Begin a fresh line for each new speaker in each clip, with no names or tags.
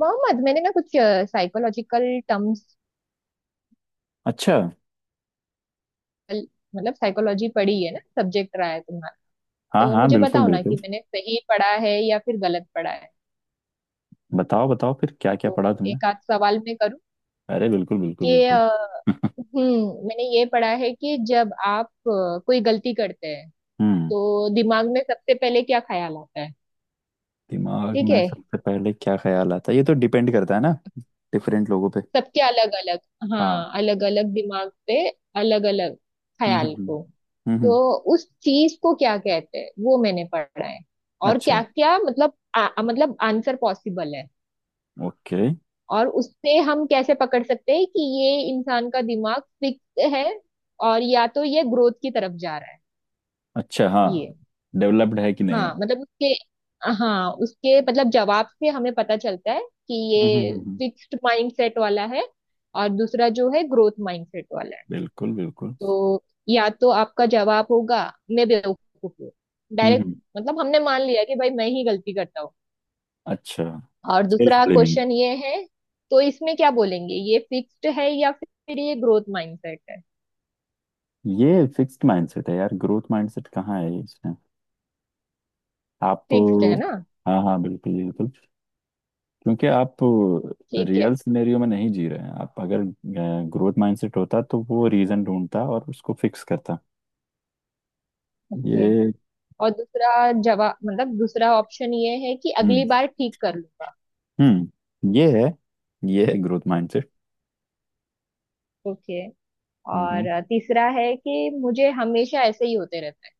मोहम्मद, मैंने ना कुछ साइकोलॉजिकल टर्म्स
अच्छा।
मतलब साइकोलॉजी पढ़ी है ना, सब्जेक्ट रहा है तुम्हारा।
हाँ
तो
हाँ,
मुझे
बिल्कुल
बताओ ना कि
बिल्कुल।
मैंने सही पढ़ा है या फिर गलत पढ़ा है।
बताओ बताओ, फिर क्या क्या
तो
पढ़ा तुमने।
एक आध सवाल मैं करूं
अरे बिल्कुल बिल्कुल
कि
बिल्कुल।
हम्म, मैंने ये पढ़ा है कि जब आप कोई गलती करते हैं
हम्म।
तो दिमाग में सबसे पहले क्या ख्याल आता है।
दिमाग
ठीक
में
है,
सबसे पहले क्या ख्याल आता है, ये तो डिपेंड करता है ना, डिफरेंट लोगों पे।
सबके अलग अलग,
हाँ।
हाँ अलग अलग दिमाग पे अलग अलग ख्याल
हम्म।
को, तो
हम्म।
उस चीज को क्या कहते हैं वो मैंने पढ़ा है। और
अच्छा।
क्या क्या मतलब आ, आ- मतलब आंसर पॉसिबल है।
ओके।
और उससे हम कैसे पकड़ सकते हैं कि ये इंसान का दिमाग फिक्स है और या तो ये ग्रोथ की तरफ जा रहा है?
अच्छा। हाँ,
ये
डेवलप्ड है कि नहीं
हाँ
है।
मतलब उसके, हाँ उसके मतलब जवाब से हमें पता चलता है कि ये
हम्म।
फिक्स्ड माइंडसेट वाला है और दूसरा जो है ग्रोथ माइंडसेट वाला है।
बिल्कुल बिल्कुल।
तो या तो आपका जवाब होगा मैं बेवकूफ हूँ, डायरेक्ट।
हम्म।
मतलब हमने मान लिया कि भाई मैं ही गलती करता हूँ।
अच्छा।
और
सेल्फ
दूसरा
ब्लेमिंग।
क्वेश्चन ये है, तो इसमें क्या बोलेंगे, ये फिक्स्ड है या फिर ये ग्रोथ माइंडसेट है?
ये फिक्स्ड माइंडसेट है यार, ग्रोथ माइंडसेट कहाँ है इसमें। आप।
फिक्स्ड है ना?
हाँ हाँ, बिल्कुल बिल्कुल। क्योंकि आप
ठीक है,
रियल सिनेरियो में नहीं जी रहे हैं। आप, अगर ग्रोथ माइंडसेट होता तो वो रीजन ढूंढता और उसको फिक्स करता।
ओके।
ये।
और दूसरा जवाब मतलब दूसरा ऑप्शन ये है कि अगली
हम्म।
बार ठीक कर लूंगा।
हम्म, ये है। ये है ग्रोथ माइंडसेट।
ओके।
हम्म
और तीसरा है कि मुझे हमेशा ऐसे ही होते रहता है,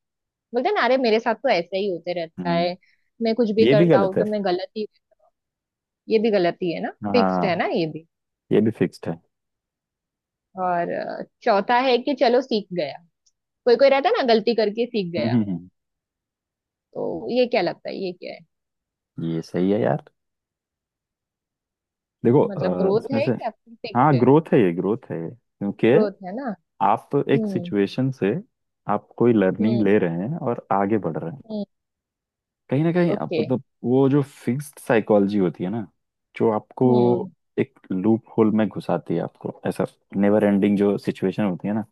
बोलते हैं ना अरे मेरे साथ तो ऐसे ही होते रहता
हम्म।
है, मैं कुछ भी
ये भी
करता
गलत
हूँ
है।
तो मैं गलत ही। ये भी गलत ही है ना, फिक्स्ड
हाँ,
है ना ये भी।
ये भी फिक्स्ड है।
और चौथा है कि चलो सीख गया, कोई कोई रहता है ना गलती करके सीख गया।
हम्म।
तो ये क्या लगता है, ये क्या है?
ये सही है यार। देखो
मतलब ग्रोथ
इसमें
है
से।
या फिर फिक्स्ड
हाँ,
है?
ग्रोथ है। ये ग्रोथ है ये। क्योंकि
ग्रोथ है ना।
आप एक
हम्म
सिचुएशन से, आप कोई लर्निंग
हम्म
ले रहे हैं और आगे बढ़ रहे हैं।
हम्म।
कहीं ना कहीं आप
ओके।
मतलब वो जो फिक्स्ड साइकोलॉजी होती है ना, जो आपको
हम्म
एक लूप होल में घुसाती है, आपको ऐसा नेवर एंडिंग जो सिचुएशन होती है ना,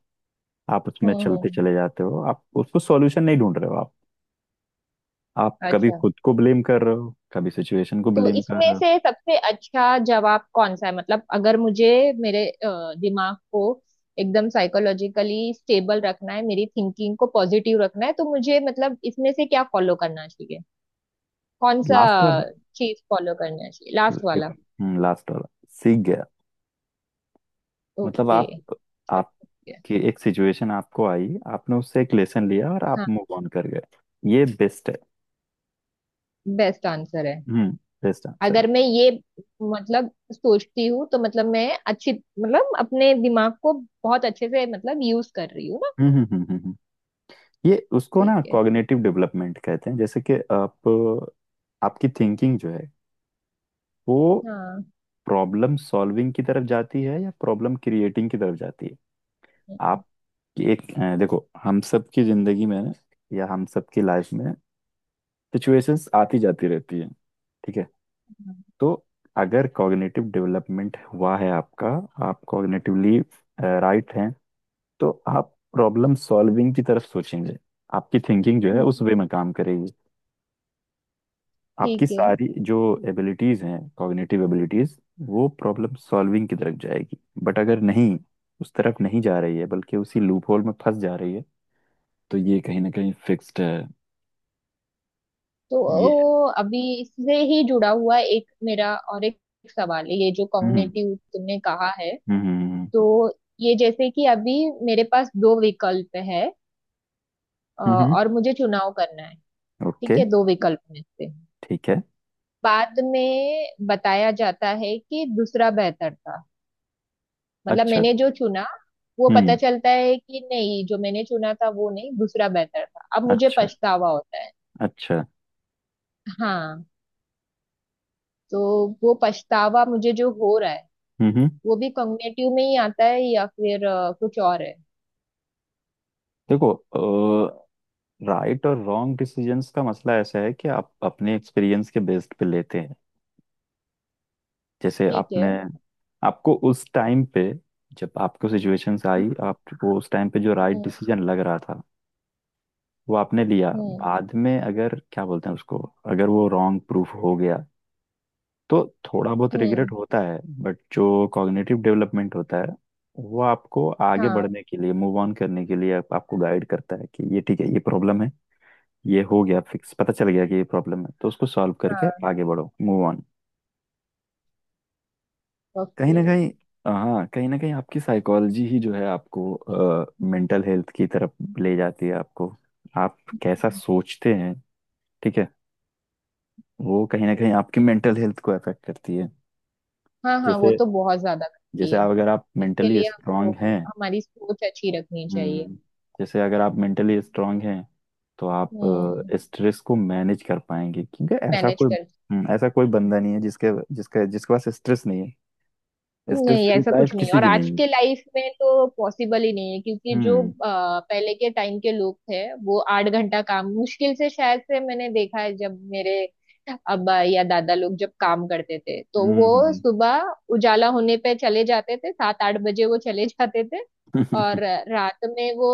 आप
हम्म
उसमें चलते
हम्म,
चले जाते हो। आप उसको सॉल्यूशन नहीं ढूंढ रहे हो। आप कभी
अच्छा।
खुद को ब्लेम कर रहे हो, कभी सिचुएशन को
तो
ब्लेम कर
इसमें
रहे हो।
से सबसे अच्छा जवाब कौन सा है? मतलब अगर मुझे मेरे दिमाग को एकदम साइकोलॉजिकली स्टेबल रखना है, मेरी थिंकिंग को पॉजिटिव रखना है, तो मुझे मतलब इसमें से क्या फॉलो करना चाहिए, कौन सा
लास्ट वाला।
चीज फॉलो करना चाहिए? लास्ट
देखो,
वाला?
लास्ट वाला। सीख गया। मतलब
ओके।
आप, आपकी एक सिचुएशन आपको आई, आपने उससे एक लेसन लिया और आप
हाँ,
मूव ऑन कर गए। ये बेस्ट है।
बेस्ट आंसर है।
हम्म। बेस्ट आंसर है।
अगर मैं ये मतलब सोचती हूँ तो मतलब मैं अच्छी मतलब अपने दिमाग को बहुत अच्छे से मतलब यूज कर रही हूँ ना।
हम्म हम्म हम्म हम्म, हम्म। ये उसको
ठीक
ना
है।
कॉग्निटिव डेवलपमेंट कहते हैं। जैसे कि आप, आपकी थिंकिंग जो है, वो
हाँ।
प्रॉब्लम सॉल्विंग की तरफ जाती है या प्रॉब्लम क्रिएटिंग की तरफ जाती है। आप एक देखो, हम सब की जिंदगी में ना, या हम सब की लाइफ में सिचुएशंस आती जाती रहती है। ठीक है।
हम्म,
तो अगर कॉग्निटिव डेवलपमेंट हुआ है आपका, आप कॉग्निटिवली राइट हैं, तो आप प्रॉब्लम सॉल्विंग की तरफ सोचेंगे। आपकी थिंकिंग जो है, उस वे में काम करेगी। आपकी
ठीक है।
सारी जो एबिलिटीज हैं, कॉग्निटिव एबिलिटीज, वो प्रॉब्लम सॉल्विंग की तरफ जाएगी। बट अगर नहीं, उस तरफ नहीं जा रही है बल्कि उसी लूप होल में फंस जा रही है, तो ये कहीं ना कहीं फिक्स्ड है।
तो
ये।
ओ, अभी इससे ही जुड़ा हुआ एक मेरा और एक सवाल है, ये जो
हम्म
कॉग्निटिव तुमने कहा है,
हम्म
तो ये जैसे कि अभी मेरे पास दो विकल्प है
हम्म।
और मुझे चुनाव करना है।
ओके।
ठीक है, दो विकल्प में से
ठीक है।
बाद में बताया जाता है कि दूसरा बेहतर था। मतलब
अच्छा।
मैंने जो चुना वो पता
हम्म।
चलता है कि नहीं, जो मैंने चुना था वो नहीं, दूसरा बेहतर था, अब मुझे
अच्छा।
पछतावा होता है।
अच्छा।
हाँ। तो वो पछतावा मुझे जो हो रहा है,
हम्म हम्म।
वो भी कॉग्निटिव में ही आता है या फिर कुछ और है?
देखो, राइट और रॉन्ग डिसीजंस का मसला ऐसा है कि आप अपने एक्सपीरियंस के बेस्ड पे लेते हैं। जैसे
ठीक
आपने,
है।
आपको उस टाइम पे, जब आपको सिचुएशंस आई,
हम्म
आपको उस टाइम पे जो राइट
हम्म
डिसीजन लग रहा था, वो आपने लिया।
हम्म
बाद में अगर क्या बोलते हैं उसको, अगर वो रॉन्ग प्रूफ हो गया, तो थोड़ा बहुत
हम्म,
रिग्रेट होता है। बट जो कॉग्निटिव डेवलपमेंट होता है, वो आपको आगे
हाँ
बढ़ने के लिए, मूव ऑन करने के लिए आपको गाइड करता है कि ये ठीक है, ये प्रॉब्लम है। ये हो गया फिक्स, पता चल गया कि ये प्रॉब्लम है, तो उसको सॉल्व करके
हाँ।
आगे बढ़ो, मूव ऑन। कहीं
ओके।
ना कहीं, हाँ कहीं ना कहीं आपकी साइकोलॉजी ही जो है, आपको मेंटल हेल्थ की तरफ ले जाती है। आपको, आप कैसा सोचते हैं, ठीक है, वो कहीं ना कहीं आपकी मेंटल हेल्थ को अफेक्ट करती है।
हाँ हाँ, वो
जैसे,
तो बहुत ज्यादा करती
जैसे
है।
आप, अगर आप
इसके
मेंटली
लिए
स्ट्रांग
हमको
हैं,
हमारी सोच अच्छी रखनी चाहिए।
हम्म, जैसे अगर आप मेंटली स्ट्रांग हैं तो आप
हम्म।
स्ट्रेस को मैनेज कर पाएंगे। क्योंकि ऐसा
मैनेज
कोई,
कर।
ऐसा कोई बंदा नहीं है जिसके जिसके जिसके पास स्ट्रेस नहीं है। स्ट्रेस
नहीं,
फ्री
ऐसा
लाइफ
कुछ नहीं है।
किसी
और
की
आज
नहीं है।
के लाइफ में तो पॉसिबल ही नहीं है, क्योंकि जो
हम्म
पहले के टाइम के लोग थे वो 8 घंटा काम मुश्किल से, शायद से मैंने देखा है जब मेरे अब्बा या दादा लोग जब काम करते थे, तो
हम्म
वो
हम्म,
सुबह उजाला होने पे चले जाते थे, 7-8 बजे वो चले जाते थे।
हम्म।
और रात में वो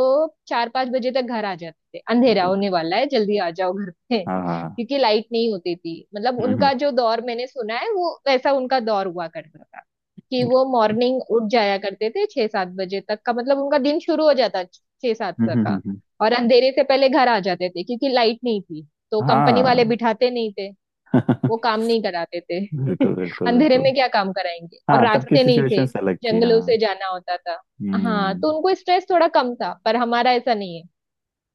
4-5 बजे तक घर आ जाते थे, अंधेरा
बिल्कुल।
होने वाला है जल्दी आ जाओ घर पे,
हाँ हाँ।
क्योंकि लाइट नहीं होती थी, मतलब
हम्म हम्म
उनका जो दौर मैंने सुना है वो वैसा उनका दौर हुआ करता था कि वो मॉर्निंग उठ जाया करते थे 6-7 बजे तक का, मतलब उनका दिन शुरू हो जाता छह सात तक का।
हम्म।
और अंधेरे से पहले घर आ जाते थे क्योंकि लाइट नहीं थी तो कंपनी वाले
हाँ।
बिठाते नहीं थे, वो काम नहीं कराते थे।
बिल्कुल बिल्कुल
अंधेरे
बिल्कुल।
में क्या काम कराएंगे, और
हाँ, तब की
रास्ते नहीं
सिचुएशन
थे,
अलग थी।
जंगलों
हाँ।
से जाना होता था। हाँ,
हम्म।
तो उनको स्ट्रेस थोड़ा कम था पर हमारा ऐसा नहीं है।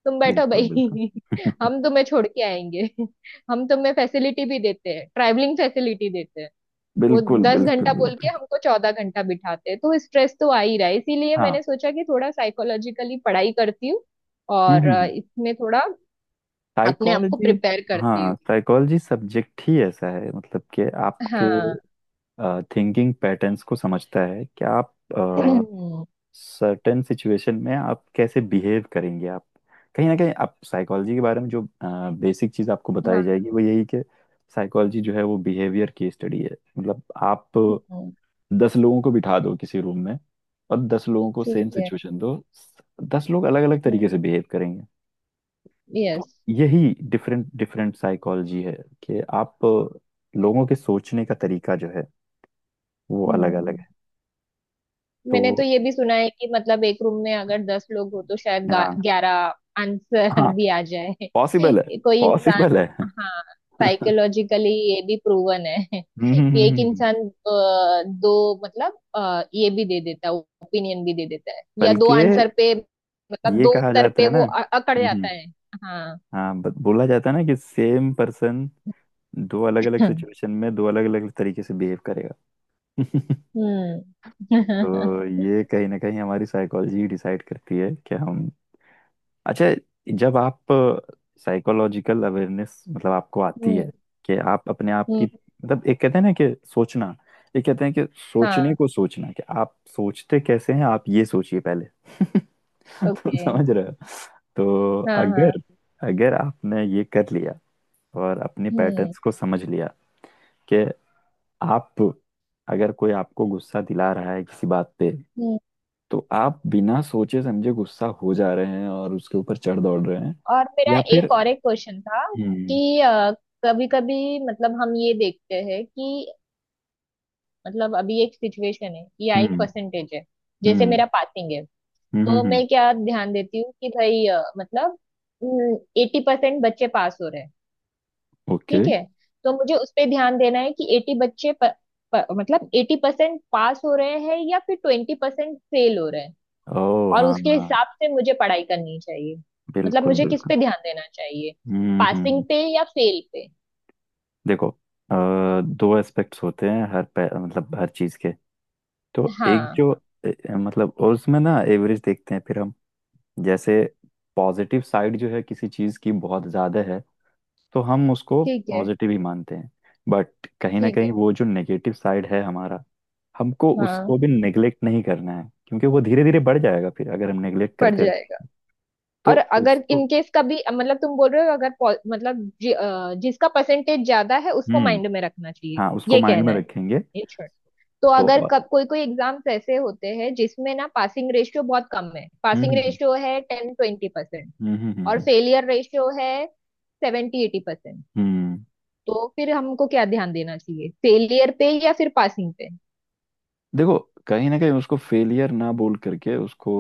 तुम बैठो
बिल्कुल बिल्कुल।
भाई। हम तुम्हें छोड़ के आएंगे। हम तुम्हें फैसिलिटी भी देते हैं, ट्रैवलिंग फैसिलिटी देते हैं। वो
बिल्कुल
10 घंटा
बिल्कुल
बोल के
बिल्कुल।
हमको 14 घंटा बिठाते हैं, तो स्ट्रेस तो आ ही रहा है, इसीलिए
हाँ।
मैंने सोचा कि थोड़ा साइकोलॉजिकली पढ़ाई करती हूँ और
हम्म।
इसमें थोड़ा अपने आप को
साइकोलॉजी।
प्रिपेयर करती
हाँ,
हूँ।
साइकोलॉजी सब्जेक्ट ही ऐसा है। मतलब कि आपके
हाँ।
थिंकिंग पैटर्न्स को समझता है कि आप सर्टेन सिचुएशन में आप कैसे बिहेव करेंगे। आप कहीं ना कहीं आप साइकोलॉजी के बारे में जो बेसिक चीज़ आपको बताई
हाँ।
जाएगी वो यही कि साइकोलॉजी जो है वो बिहेवियर की स्टडी है। मतलब आप
हम्म,
दस लोगों को बिठा दो किसी रूम में, और दस लोगों को सेम
ठीक है।
सिचुएशन दो, दस लोग अलग अलग तरीके से बिहेव करेंगे। तो
यस।
यही डिफरेंट डिफरेंट साइकोलॉजी है, कि आप लोगों के सोचने का तरीका जो है, वो अलग अलग है। तो
मैंने तो ये भी सुना है कि मतलब एक रूम में अगर 10 लोग हो तो शायद
हाँ।
11 आंसर
हाँ,
भी आ जाए।
पॉसिबल है,
कोई इंसान।
पॉसिबल है।
हाँ, साइकोलॉजिकली ये भी प्रूवन है कि एक
हम्म,
इंसान दो मतलब ये भी दे देता है, ओपिनियन भी दे देता है या दो
बल्कि
आंसर पे, मतलब
ये
दो
कहा
उत्तर
जाता
पे
है ना।
वो अकड़
हम्म।
जाता है। हाँ।
हाँ, बोला जाता है ना, कि सेम पर्सन दो अलग अलग सिचुएशन में दो अलग अलग तरीके से बिहेव करेगा।
हम्म।
तो
हम्म
ये कहीं ना कहीं हमारी साइकोलॉजी डिसाइड करती है कि हम, अच्छा, जब आप साइकोलॉजिकल अवेयरनेस मतलब आपको आती है, कि आप अपने आप की
हम्म।
मतलब, एक कहते हैं ना कि सोचना, एक कहते हैं कि सोचने
हाँ।
को सोचना, कि आप सोचते कैसे हैं आप, ये सोचिए पहले। तुम
ओके।
समझ रहे हो। तो
हाँ हाँ।
अगर, अगर आपने ये कर लिया और अपने
हम्म।
पैटर्न्स को समझ लिया, कि आप, अगर कोई आपको गुस्सा दिला रहा है किसी बात पे, तो आप बिना सोचे समझे गुस्सा हो जा रहे हैं और उसके ऊपर चढ़ दौड़ रहे हैं,
और मेरा
या फिर,
एक और एक क्वेश्चन था
हम्म।
कि कभी कभी मतलब हम ये देखते हैं कि मतलब अभी एक सिचुएशन है या एक
हम्म
परसेंटेज है, जैसे
हम्म
मेरा पासिंग है। तो
हम्म।
मैं क्या ध्यान देती हूँ कि भाई मतलब 80% बच्चे पास हो रहे हैं।
ओके।
ठीक है। तो मुझे उस पे ध्यान देना है कि एटी बच्चे प, प, मतलब 80% पास हो रहे हैं या फिर 20% फेल हो रहे हैं,
ओ
और
हाँ
उसके
हाँ,
हिसाब से मुझे पढ़ाई करनी चाहिए। मतलब
बिल्कुल
मुझे किस
बिल्कुल।
पे ध्यान देना चाहिए,
हम्म हम्म
पासिंग
हम्म।
पे या फेल पे?
देखो दो एस्पेक्ट्स होते हैं मतलब हर चीज के। तो एक
हाँ,
जो ए- मतलब, और उसमें ना एवरेज देखते हैं फिर हम। जैसे पॉजिटिव साइड जो है किसी चीज की बहुत ज्यादा है, तो हम उसको
ठीक है।
पॉजिटिव ही मानते हैं। बट कहीं ना
ठीक
कहीं
है।
वो जो नेगेटिव साइड है हमारा, हमको
हाँ
उसको भी नेग्लेक्ट नहीं करना है, क्योंकि वो धीरे धीरे बढ़ जाएगा फिर, अगर हम नेग्लेक्ट
पड़
करते रहे।
जाएगा।
तो
और अगर
उसको,
इनकेस कभी मतलब तुम बोल रहे हो अगर पो- मतलब जि, अ, जिसका परसेंटेज ज्यादा है उसको
हम्म,
माइंड में रखना चाहिए,
हाँ उसको
ये
माइंड
कहना
में
है।
रखेंगे।
ये छोड़। तो
तो
अगर
और,
कब कोई कोई एग्जाम्स ऐसे होते हैं जिसमें ना पासिंग रेशियो बहुत कम है,
हम्म
पासिंग
हम्म
रेशियो है 10-20%
हम्म हम्म हम्म
और
हम्म,
फेलियर रेशियो है 70-80%,
हम्म।
तो फिर हमको क्या ध्यान देना चाहिए, फेलियर पे या फिर पासिंग पे?
देखो, कहीं ना कहीं उसको फेलियर ना बोल करके उसको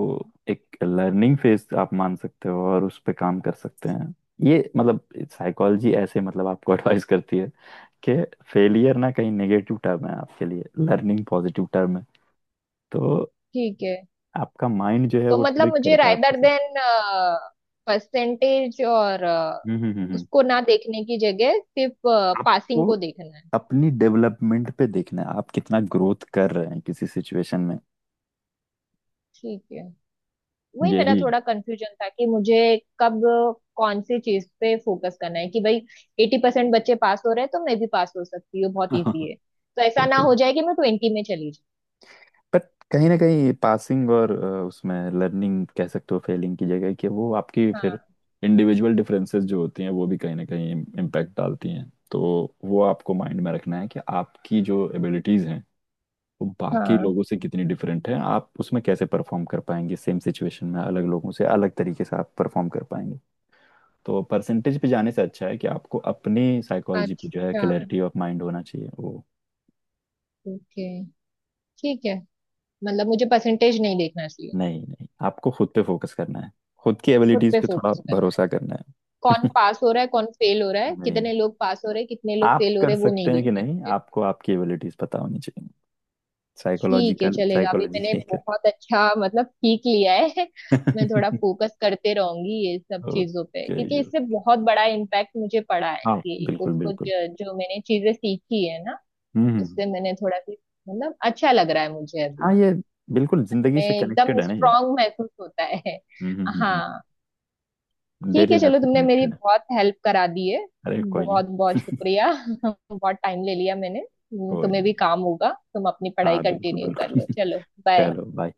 एक लर्निंग फेज आप मान सकते हो, और उस पे काम कर सकते हैं। ये मतलब साइकोलॉजी ऐसे मतलब आपको एडवाइस करती है, कि फेलियर ना कहीं नेगेटिव टर्म है आपके लिए, लर्निंग पॉजिटिव टर्म है। तो
ठीक है।
आपका माइंड जो है,
तो
वो
मतलब
ट्रिक
मुझे
करता है आपके
रादर
साथ।
देन परसेंटेज और
हम्म हम्म हम्म हम्म।
उसको ना देखने की जगह सिर्फ
आपको
पासिंग को देखना है।
अपनी डेवलपमेंट पे देखना है, आप कितना ग्रोथ कर रहे हैं किसी सिचुएशन में।
ठीक है, वही मेरा
यही।
थोड़ा कंफ्यूजन था कि मुझे कब कौन सी चीज पे फोकस करना है कि भाई 80% बच्चे पास हो रहे हैं तो मैं भी पास हो सकती हूँ, बहुत इजी है, तो ऐसा ना हो
बिल्कुल।
जाए कि मैं 20 में चली जाऊँ।
बट कहीं ना कहीं पासिंग और उसमें लर्निंग कह सकते हो फेलिंग की जगह, कि वो आपकी फिर
हाँ
इंडिविजुअल डिफरेंसेस जो होती हैं, वो भी कहीं ना कहीं इम्पैक्ट डालती हैं। तो वो आपको माइंड में रखना है कि आपकी जो एबिलिटीज़ हैं, वो बाकी
हाँ।
लोगों से कितनी डिफरेंट हैं। आप उसमें कैसे परफॉर्म कर पाएंगे, सेम सिचुएशन में अलग लोगों से अलग तरीके से आप परफॉर्म कर पाएंगे। तो परसेंटेज पे जाने से अच्छा है कि आपको अपनी साइकोलॉजी पे जो है
अच्छा,
क्लैरिटी ऑफ माइंड होना चाहिए वो।
ओके, ठीक है। मतलब मुझे परसेंटेज नहीं देखना चाहिए।
नहीं नहीं, आपको खुद पे फोकस करना है। खुद की
खुद
एबिलिटीज
पे
पे थोड़ा
फोकस करना है,
भरोसा करना है।
कौन पास हो रहा है कौन फेल हो रहा है,
नहीं,
कितने लोग पास हो रहे हैं कितने लोग
आप
फेल हो
कर
रहे हैं वो
सकते
नहीं
हैं कि
देखना है
नहीं,
मुझे।
आपको आपकी एबिलिटीज पता होनी चाहिए।
ठीक है,
साइकोलॉजिकल
चलेगा। अभी
साइकोलॉजी।
मैंने बहुत अच्छा मतलब सीख लिया है। मैं थोड़ा फोकस करते रहूंगी ये सब चीजों पे
ओके।
क्योंकि इससे बहुत बड़ा इम्पैक्ट मुझे पड़ा है
हाँ
कि कुछ
बिल्कुल
कुछ
बिल्कुल।
जो मैंने चीजें सीखी है ना,
हम्म।
उससे मैंने थोड़ा भी मतलब अच्छा लग रहा है मुझे अभी।
हाँ, ये बिल्कुल जिंदगी
मैं
से कनेक्टेड
एकदम
है ना ये।
स्ट्रांग महसूस होता है।
हम्म।
हाँ, ठीक
डेली
है
लाइफ
चलो,
से
तुमने मेरी
कनेक्टेड है।
बहुत हेल्प करा दी है,
अरे कोई नहीं।
बहुत बहुत शुक्रिया। बहुत टाइम ले लिया मैंने।
कोई
तुम्हें
नहीं।
भी काम होगा, तुम अपनी पढ़ाई
हाँ बिल्कुल
कंटिन्यू कर
बिल्कुल।
लो चलो। बाय।
चलो, बाय।